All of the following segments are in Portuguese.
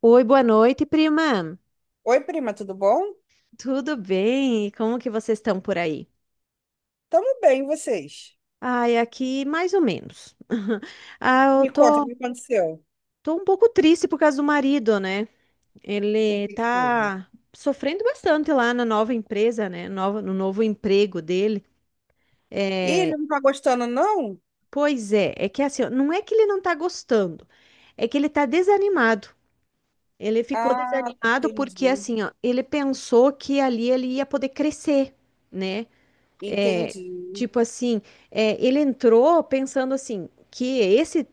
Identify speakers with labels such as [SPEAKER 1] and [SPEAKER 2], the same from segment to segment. [SPEAKER 1] Oi, boa noite, prima.
[SPEAKER 2] Oi, prima, tudo bom?
[SPEAKER 1] Tudo bem? E como que vocês estão por aí?
[SPEAKER 2] Tamo bem, e vocês?
[SPEAKER 1] Ai, aqui mais ou menos. Ah, eu
[SPEAKER 2] Me conta, o
[SPEAKER 1] tô,
[SPEAKER 2] que aconteceu?
[SPEAKER 1] tô um pouco triste por causa do marido, né?
[SPEAKER 2] O
[SPEAKER 1] Ele
[SPEAKER 2] que que houve?
[SPEAKER 1] tá sofrendo bastante lá na nova empresa, né? Nova, no novo emprego dele.
[SPEAKER 2] Ih, ele
[SPEAKER 1] É,
[SPEAKER 2] não tá gostando, não?
[SPEAKER 1] pois é, é que assim, ó, não é que ele não tá gostando, é que ele tá desanimado. Ele ficou
[SPEAKER 2] Ah,
[SPEAKER 1] desanimado porque
[SPEAKER 2] entendi,
[SPEAKER 1] assim, ó, ele pensou que ali ele ia poder crescer, né? É,
[SPEAKER 2] entendi.
[SPEAKER 1] tipo assim, é, ele entrou pensando assim que esse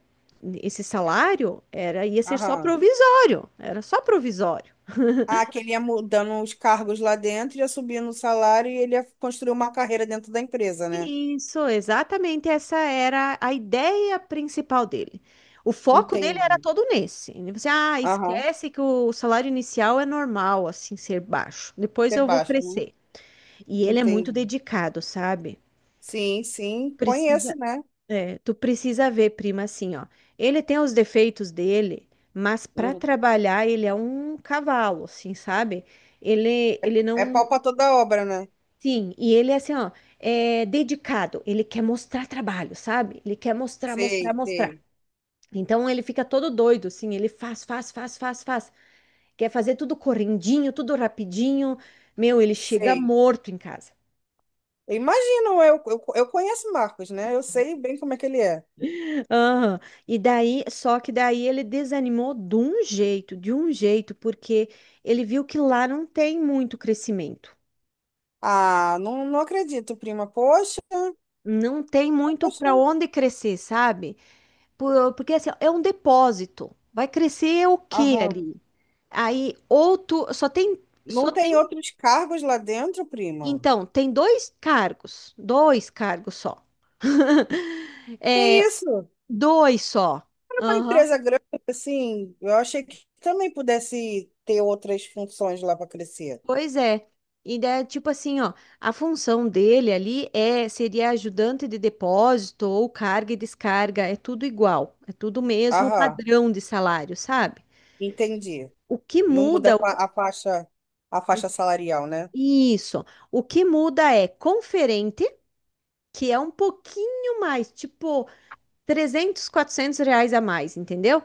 [SPEAKER 1] esse salário era ia ser só
[SPEAKER 2] Aham.
[SPEAKER 1] provisório, era só provisório.
[SPEAKER 2] Ah, que ele ia mudando os cargos lá dentro, ia subindo o salário e ele ia construir uma carreira dentro da empresa, né?
[SPEAKER 1] Isso, exatamente essa era a ideia principal dele. O foco dele era
[SPEAKER 2] Entendi.
[SPEAKER 1] todo nesse. Ele disse, ah,
[SPEAKER 2] Aham.
[SPEAKER 1] esquece que o salário inicial é normal, assim, ser baixo. Depois
[SPEAKER 2] Você
[SPEAKER 1] eu vou
[SPEAKER 2] baixa, né?
[SPEAKER 1] crescer. E ele é muito
[SPEAKER 2] Entendi.
[SPEAKER 1] dedicado, sabe?
[SPEAKER 2] Sim, conheço,
[SPEAKER 1] Precisa,
[SPEAKER 2] né?
[SPEAKER 1] é, tu precisa ver, prima, assim, ó. Ele tem os defeitos dele, mas para
[SPEAKER 2] Uhum.
[SPEAKER 1] trabalhar ele é um cavalo, assim, sabe? Ele
[SPEAKER 2] É
[SPEAKER 1] não.
[SPEAKER 2] pau pra toda obra, né?
[SPEAKER 1] Sim, e ele é assim, ó, é dedicado. Ele quer mostrar trabalho, sabe? Ele quer mostrar, mostrar,
[SPEAKER 2] Sei,
[SPEAKER 1] mostrar.
[SPEAKER 2] sei,
[SPEAKER 1] Então ele fica todo doido, assim, ele faz, faz, faz, faz, faz. Quer fazer tudo correndinho, tudo rapidinho. Meu, ele chega
[SPEAKER 2] sei.
[SPEAKER 1] morto em casa.
[SPEAKER 2] Eu imagino, eu conheço o Marcos, né? Eu sei bem como é que ele é.
[SPEAKER 1] Aham. E daí, só que daí ele desanimou de um jeito, porque ele viu que lá não tem muito crescimento.
[SPEAKER 2] Ah, não, não acredito, prima. Poxa,
[SPEAKER 1] Não tem muito
[SPEAKER 2] poxa.
[SPEAKER 1] para onde crescer, sabe? Porque assim, ó, é um depósito. Vai crescer o quê
[SPEAKER 2] Aham.
[SPEAKER 1] ali? Aí ou tu só tem
[SPEAKER 2] Não
[SPEAKER 1] só tem,
[SPEAKER 2] tem outros cargos lá dentro, prima?
[SPEAKER 1] então, tem dois cargos só.
[SPEAKER 2] Que
[SPEAKER 1] É,
[SPEAKER 2] isso?
[SPEAKER 1] dois só.
[SPEAKER 2] Era uma empresa grande, assim, eu achei que também pudesse ter outras funções lá para crescer.
[SPEAKER 1] Pois é. E daí, tipo assim, ó, a função dele ali seria ajudante de depósito ou carga e descarga, é tudo igual, é tudo o mesmo
[SPEAKER 2] Aham,
[SPEAKER 1] padrão de salário, sabe?
[SPEAKER 2] entendi.
[SPEAKER 1] O que
[SPEAKER 2] Não muda
[SPEAKER 1] muda,
[SPEAKER 2] a faixa, a faixa salarial, né?
[SPEAKER 1] isso, o que muda é conferente, que é um pouquinho mais, tipo 300, 400 reais a mais, entendeu?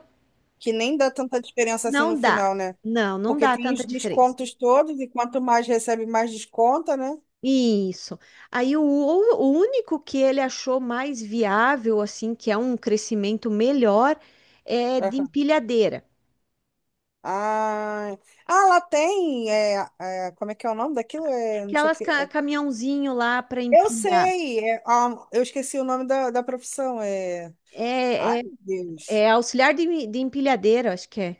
[SPEAKER 2] Que nem dá tanta diferença assim no
[SPEAKER 1] Não dá,
[SPEAKER 2] final, né?
[SPEAKER 1] não, não
[SPEAKER 2] Porque
[SPEAKER 1] dá
[SPEAKER 2] tem os
[SPEAKER 1] tanta diferença.
[SPEAKER 2] descontos todos, e quanto mais recebe, mais desconta, né?
[SPEAKER 1] Isso. Aí o único que ele achou mais viável, assim, que é um crescimento melhor, é de
[SPEAKER 2] Aham.
[SPEAKER 1] empilhadeira.
[SPEAKER 2] Ah, ah, lá tem. É, como é que é o nome daquilo? É, não sei o
[SPEAKER 1] Aquelas
[SPEAKER 2] que.
[SPEAKER 1] caminhãozinho lá para
[SPEAKER 2] Eu
[SPEAKER 1] empilhar.
[SPEAKER 2] sei. Eu esqueci o nome da profissão. Ai,
[SPEAKER 1] É, é,
[SPEAKER 2] meu Deus.
[SPEAKER 1] é auxiliar de empilhadeira, acho que é.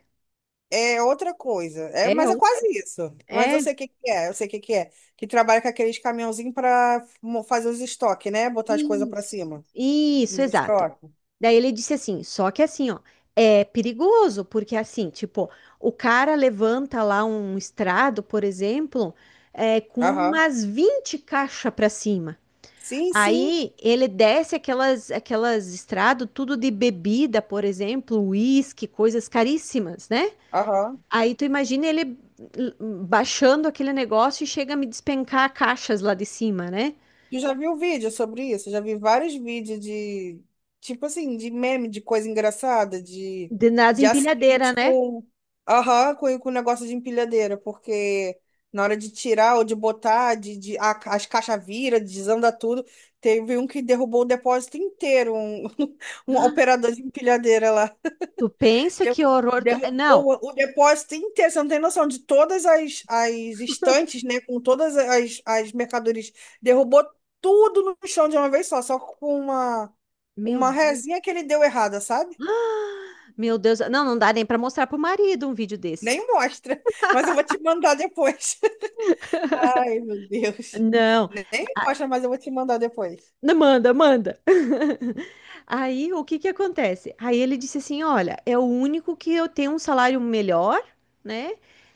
[SPEAKER 2] É outra coisa. É,
[SPEAKER 1] É,
[SPEAKER 2] mas é
[SPEAKER 1] ou-
[SPEAKER 2] quase isso.
[SPEAKER 1] é
[SPEAKER 2] Eu sei o que que é. Que trabalha com aqueles caminhãozinhos para fazer os estoques, né? Botar as coisas para
[SPEAKER 1] Isso,
[SPEAKER 2] cima.
[SPEAKER 1] isso,
[SPEAKER 2] Os
[SPEAKER 1] exato.
[SPEAKER 2] estoques.
[SPEAKER 1] Daí ele disse assim, só que assim, ó, é perigoso, porque assim, tipo, o cara levanta lá um estrado, por exemplo, com
[SPEAKER 2] Aham.
[SPEAKER 1] umas 20 caixas pra cima.
[SPEAKER 2] Sim.
[SPEAKER 1] Aí ele desce aquelas estradas, tudo de bebida, por exemplo, uísque, coisas caríssimas, né?
[SPEAKER 2] Aham.
[SPEAKER 1] Aí tu imagina ele l- baixando aquele negócio e chega a me despencar caixas lá de cima, né?
[SPEAKER 2] Eu já vi um vídeo sobre isso, já vi vários vídeos de tipo assim, de meme, de coisa engraçada, de,
[SPEAKER 1] Nas
[SPEAKER 2] de acidente
[SPEAKER 1] empilhadeiras, né?
[SPEAKER 2] com, aham, com negócio de empilhadeira, porque na hora de tirar ou de botar, as caixas viram, desanda tudo. Teve um que derrubou o depósito inteiro, um, um operador de empilhadeira lá
[SPEAKER 1] Tu pensa
[SPEAKER 2] deu
[SPEAKER 1] que horror. Não,
[SPEAKER 2] derrubou o depósito inteiro. Você não tem noção de todas as estantes, né? Com todas as mercadorias. Derrubou tudo no chão de uma vez só, só com uma,
[SPEAKER 1] meu
[SPEAKER 2] uma
[SPEAKER 1] Deus,
[SPEAKER 2] rezinha que ele deu errada, sabe?
[SPEAKER 1] meu Deus. Não, não dá nem pra mostrar pro marido um vídeo desse.
[SPEAKER 2] Nem mostra, mas eu vou te mandar depois. Ai, meu Deus.
[SPEAKER 1] Não,
[SPEAKER 2] Nem mostra, mas eu vou te mandar depois.
[SPEAKER 1] não manda, manda. Aí o que que acontece? Aí ele disse assim: Olha, é o único que eu tenho um salário melhor, né?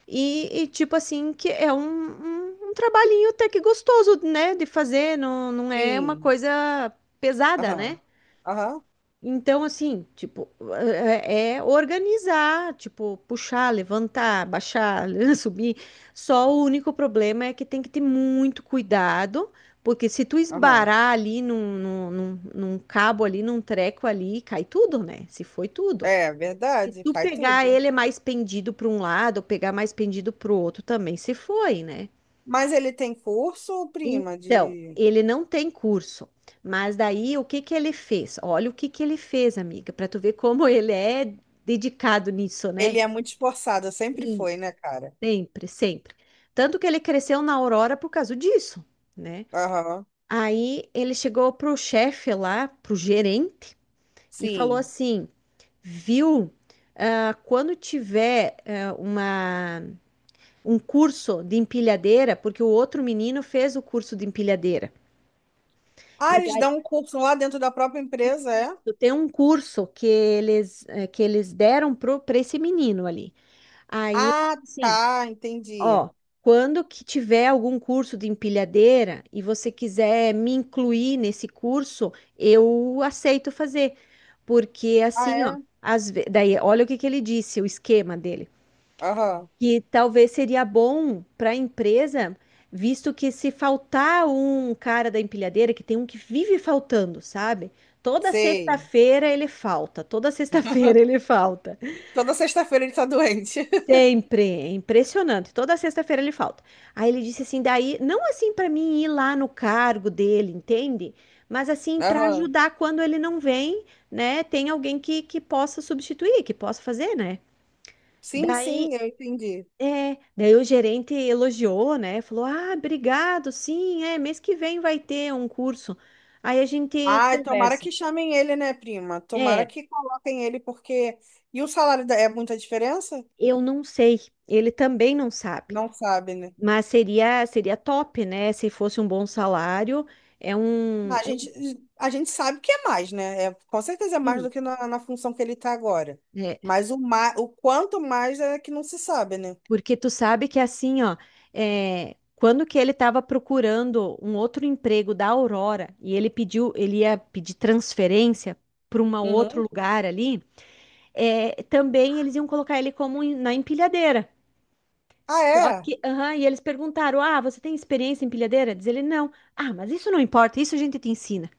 [SPEAKER 1] E, tipo assim, que é um trabalhinho até que gostoso, né? De fazer, não, não é uma
[SPEAKER 2] Sim.
[SPEAKER 1] coisa pesada, né?
[SPEAKER 2] Aham. Aham.
[SPEAKER 1] Então, assim, tipo, é organizar, tipo, puxar, levantar, baixar, subir. Só o único problema é que tem que ter muito cuidado, porque se tu
[SPEAKER 2] Aham.
[SPEAKER 1] esbarar ali num cabo ali, num treco ali, cai tudo, né? Se foi tudo.
[SPEAKER 2] É
[SPEAKER 1] Se
[SPEAKER 2] verdade,
[SPEAKER 1] tu
[SPEAKER 2] cai
[SPEAKER 1] pegar
[SPEAKER 2] tudo.
[SPEAKER 1] ele mais pendido para um lado, ou pegar mais pendido para o outro também, se foi, né?
[SPEAKER 2] Mas ele tem curso, prima,
[SPEAKER 1] Então,
[SPEAKER 2] de.
[SPEAKER 1] ele não tem curso, mas daí o que que ele fez? Olha o que que ele fez, amiga, para tu ver como ele é dedicado nisso, né?
[SPEAKER 2] Ele é muito esforçado, sempre foi,
[SPEAKER 1] Isso.
[SPEAKER 2] né, cara?
[SPEAKER 1] Sempre, sempre. Tanto que ele cresceu na Aurora por causa disso, né?
[SPEAKER 2] Aham.
[SPEAKER 1] Aí ele chegou pro chefe lá, pro gerente, e falou
[SPEAKER 2] Sim.
[SPEAKER 1] assim: viu, ah, quando tiver um curso de empilhadeira, porque o outro menino fez o curso de empilhadeira.
[SPEAKER 2] Ah, eles dão um curso lá dentro da própria empresa, é?
[SPEAKER 1] Tem um curso que eles deram para esse menino ali. Aí,
[SPEAKER 2] Ah,
[SPEAKER 1] assim,
[SPEAKER 2] tá, entendi.
[SPEAKER 1] ó, quando que tiver algum curso de empilhadeira e você quiser me incluir nesse curso, eu aceito fazer. Porque
[SPEAKER 2] Ah,
[SPEAKER 1] assim, ó,
[SPEAKER 2] é?
[SPEAKER 1] daí, olha o que que ele disse, o esquema dele
[SPEAKER 2] Aham.
[SPEAKER 1] que talvez seria bom para a empresa, visto que se faltar um cara da empilhadeira, que tem um que vive faltando, sabe? Toda
[SPEAKER 2] Sei.
[SPEAKER 1] sexta-feira ele falta, toda sexta-feira ele falta.
[SPEAKER 2] Toda sexta-feira ele tá doente.
[SPEAKER 1] Sempre, é impressionante. Toda sexta-feira ele falta. Aí ele disse assim, daí, não assim para mim ir lá no cargo dele, entende? Mas assim para
[SPEAKER 2] Aham.
[SPEAKER 1] ajudar quando ele não vem, né? Tem alguém que possa substituir, que possa fazer, né?
[SPEAKER 2] Sim,
[SPEAKER 1] Daí
[SPEAKER 2] sim, eu entendi.
[SPEAKER 1] Daí o gerente elogiou, né? Falou: Ah, obrigado, sim, é, mês que vem vai ter um curso. Aí a gente
[SPEAKER 2] Ai, tomara
[SPEAKER 1] conversa.
[SPEAKER 2] que chamem ele, né, prima? Tomara
[SPEAKER 1] É,
[SPEAKER 2] que coloquem ele, porque. E o é muita diferença?
[SPEAKER 1] eu não sei, ele também não sabe,
[SPEAKER 2] Não sabe, né?
[SPEAKER 1] mas seria top, né? Se fosse um bom salário, é um,
[SPEAKER 2] A
[SPEAKER 1] é um
[SPEAKER 2] gente, a gente sabe que é mais, né? É, com certeza é mais
[SPEAKER 1] sim,
[SPEAKER 2] do que na, na função que ele está agora.
[SPEAKER 1] né?
[SPEAKER 2] Mas o quanto mais é que não se sabe, né?
[SPEAKER 1] Porque tu sabe que assim, ó, quando que ele estava procurando um outro emprego da Aurora e ele ia pedir transferência para um outro
[SPEAKER 2] Uhum.
[SPEAKER 1] lugar ali. Também eles iam colocar ele como na empilhadeira.
[SPEAKER 2] Ah,
[SPEAKER 1] Só
[SPEAKER 2] é?
[SPEAKER 1] que, aham, e eles perguntaram: Ah, você tem experiência em empilhadeira? Diz ele: Não. Ah, mas isso não importa, isso a gente te ensina.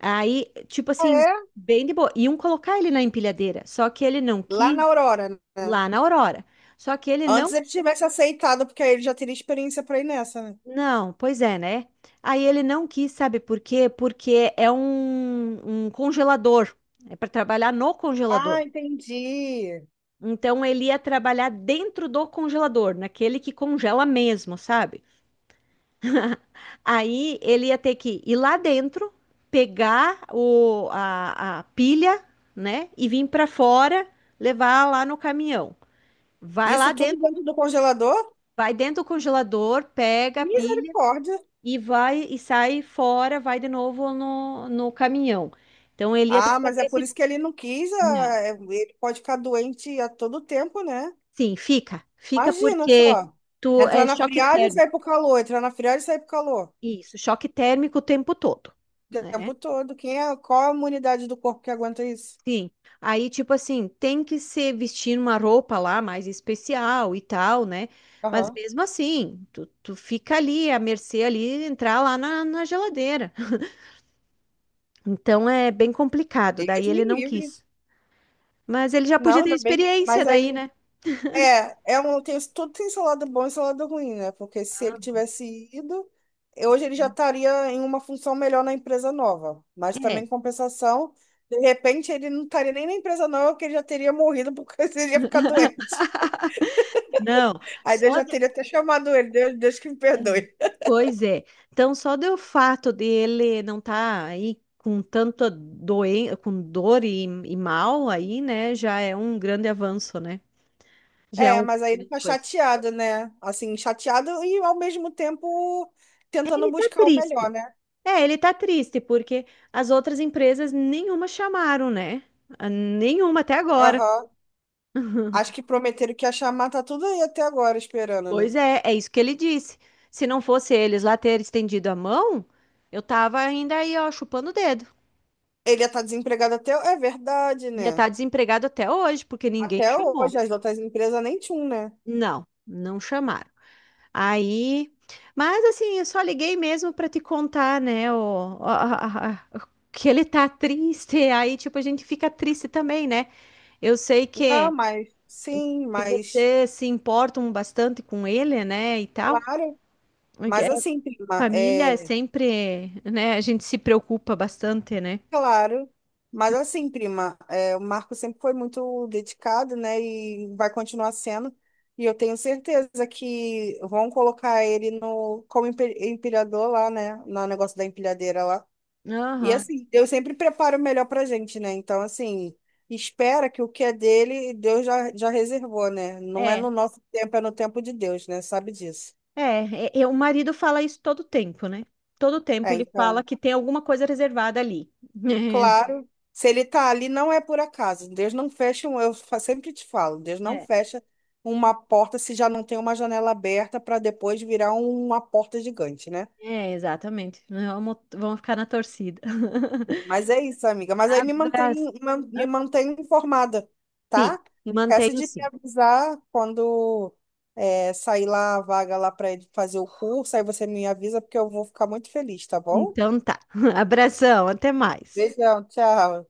[SPEAKER 1] Aí, tipo
[SPEAKER 2] Ah,
[SPEAKER 1] assim,
[SPEAKER 2] é?
[SPEAKER 1] bem de boa. Iam colocar ele na empilhadeira, só que ele não
[SPEAKER 2] Lá
[SPEAKER 1] quis
[SPEAKER 2] na Aurora, né?
[SPEAKER 1] lá na Aurora. Só que ele não.
[SPEAKER 2] Antes ele tivesse aceitado, porque aí ele já teria experiência para ir nessa, né?
[SPEAKER 1] Não, pois é, né? Aí ele não quis, sabe por quê? Porque é um congelador. É para trabalhar no
[SPEAKER 2] Ah,
[SPEAKER 1] congelador.
[SPEAKER 2] entendi.
[SPEAKER 1] Então ele ia trabalhar dentro do congelador, naquele que congela mesmo, sabe? Aí ele ia ter que ir lá dentro, pegar a pilha, né? E vir para fora, levar lá no caminhão. Vai lá
[SPEAKER 2] Isso tudo
[SPEAKER 1] dentro,
[SPEAKER 2] dentro do congelador?
[SPEAKER 1] vai dentro do congelador, pega a pilha
[SPEAKER 2] Misericórdia.
[SPEAKER 1] e vai e sai fora, vai de novo no caminhão. Então ele ia ter
[SPEAKER 2] Ah,
[SPEAKER 1] que
[SPEAKER 2] mas
[SPEAKER 1] fazer
[SPEAKER 2] é por
[SPEAKER 1] esse.
[SPEAKER 2] isso que ele não quis.
[SPEAKER 1] Não.
[SPEAKER 2] Ele pode ficar doente a todo tempo, né?
[SPEAKER 1] Sim, fica. Fica
[SPEAKER 2] Imagina
[SPEAKER 1] porque
[SPEAKER 2] só.
[SPEAKER 1] tu
[SPEAKER 2] Entrar
[SPEAKER 1] é
[SPEAKER 2] na
[SPEAKER 1] choque
[SPEAKER 2] friagem e sair
[SPEAKER 1] térmico.
[SPEAKER 2] pro calor, entrar na friagem e sair pro calor.
[SPEAKER 1] Isso, choque térmico o tempo todo,
[SPEAKER 2] O
[SPEAKER 1] né?
[SPEAKER 2] tempo todo. Quem é, qual a imunidade do corpo que aguenta isso?
[SPEAKER 1] Sim. Aí, tipo assim, tem que ser vestir uma roupa lá mais especial e tal, né? Mas
[SPEAKER 2] Aham.
[SPEAKER 1] mesmo assim, tu fica ali à mercê ali, entrar lá na geladeira. Então é bem complicado,
[SPEAKER 2] Deus
[SPEAKER 1] daí ele
[SPEAKER 2] me
[SPEAKER 1] não
[SPEAKER 2] livre.
[SPEAKER 1] quis. Mas ele já podia
[SPEAKER 2] Não,
[SPEAKER 1] ter
[SPEAKER 2] ainda bem.
[SPEAKER 1] experiência
[SPEAKER 2] Mas
[SPEAKER 1] daí,
[SPEAKER 2] aí,
[SPEAKER 1] né?
[SPEAKER 2] é um, tudo tem seu lado bom e seu lado ruim, né? Porque se
[SPEAKER 1] Ah.
[SPEAKER 2] ele tivesse ido, hoje ele já estaria em uma função melhor na empresa nova. Mas
[SPEAKER 1] É,
[SPEAKER 2] também, em compensação, de repente ele não estaria nem na empresa nova, porque ele já teria morrido porque ele ia ficar doente.
[SPEAKER 1] não.
[SPEAKER 2] Aí Deus
[SPEAKER 1] Só
[SPEAKER 2] já teria até chamado ele. Deus que me
[SPEAKER 1] é.
[SPEAKER 2] perdoe.
[SPEAKER 1] Pois é. Então, só do fato de ele não estar aí com tanta doen com dor e mal aí, né, já é um grande avanço, né? Já é
[SPEAKER 2] É,
[SPEAKER 1] uma
[SPEAKER 2] mas aí ele
[SPEAKER 1] grande
[SPEAKER 2] tá
[SPEAKER 1] coisa.
[SPEAKER 2] chateado, né? Assim, chateado e ao mesmo tempo tentando
[SPEAKER 1] Ele tá
[SPEAKER 2] buscar o melhor,
[SPEAKER 1] triste.
[SPEAKER 2] né?
[SPEAKER 1] É, ele tá triste porque as outras empresas nenhuma chamaram, né? A Nenhuma até agora.
[SPEAKER 2] Aham. Acho que prometeram que ia chamar, tá tudo aí até agora esperando, né?
[SPEAKER 1] Pois é, é isso que ele disse. Se não fosse eles lá ter estendido a mão, eu tava ainda aí, ó, chupando o dedo.
[SPEAKER 2] Ele ia estar desempregado até. É verdade,
[SPEAKER 1] Ia
[SPEAKER 2] né?
[SPEAKER 1] estar desempregado até hoje, porque ninguém
[SPEAKER 2] Até
[SPEAKER 1] chamou.
[SPEAKER 2] hoje, as outras empresas nem tinham, né?
[SPEAKER 1] Não, não chamaram. Aí, mas assim, eu só liguei mesmo para te contar, né, o, a- que ele tá triste. Aí, tipo, a gente fica triste também, né? Eu sei
[SPEAKER 2] Não,
[SPEAKER 1] que,
[SPEAKER 2] mas sim,
[SPEAKER 1] que
[SPEAKER 2] mas
[SPEAKER 1] vocês se importam bastante com ele, né, e tal.
[SPEAKER 2] claro.
[SPEAKER 1] Porque
[SPEAKER 2] Mas
[SPEAKER 1] a
[SPEAKER 2] assim, prima,
[SPEAKER 1] família é
[SPEAKER 2] é.
[SPEAKER 1] sempre, né, a gente se preocupa bastante, né?
[SPEAKER 2] Claro, mas assim, prima, é, o Marco sempre foi muito dedicado, né? E vai continuar sendo. E eu tenho certeza que vão colocar ele no como empilhador lá, né? No negócio da empilhadeira lá. E
[SPEAKER 1] Aham,
[SPEAKER 2] assim, Deus sempre prepara o melhor pra gente, né? Então, assim, espera que o que é dele, Deus já reservou, né? Não é
[SPEAKER 1] É,
[SPEAKER 2] no nosso tempo, é no tempo de Deus, né? Sabe disso.
[SPEAKER 1] é, o marido fala isso todo tempo, né? Todo tempo
[SPEAKER 2] É,
[SPEAKER 1] ele fala
[SPEAKER 2] então.
[SPEAKER 1] que tem alguma coisa reservada ali.
[SPEAKER 2] Claro, se ele está ali, não é por acaso. Deus não fecha, um- eu fa- sempre te falo, Deus não fecha uma porta se já não tem uma janela aberta para depois virar uma porta gigante, né?
[SPEAKER 1] É, exatamente. Vamos, vamos ficar na torcida.
[SPEAKER 2] Mas é isso, amiga. Mas aí me
[SPEAKER 1] Abraço.
[SPEAKER 2] mantém, me
[SPEAKER 1] Hã?
[SPEAKER 2] mantém informada,
[SPEAKER 1] Sim,
[SPEAKER 2] tá? Não esquece
[SPEAKER 1] mantenho
[SPEAKER 2] de me
[SPEAKER 1] sim.
[SPEAKER 2] avisar quando sair lá a vaga lá para ele fazer o curso. Aí você me avisa, porque eu vou ficar muito feliz, tá bom?
[SPEAKER 1] Então tá. Abração, até mais.
[SPEAKER 2] Beijão, tchau.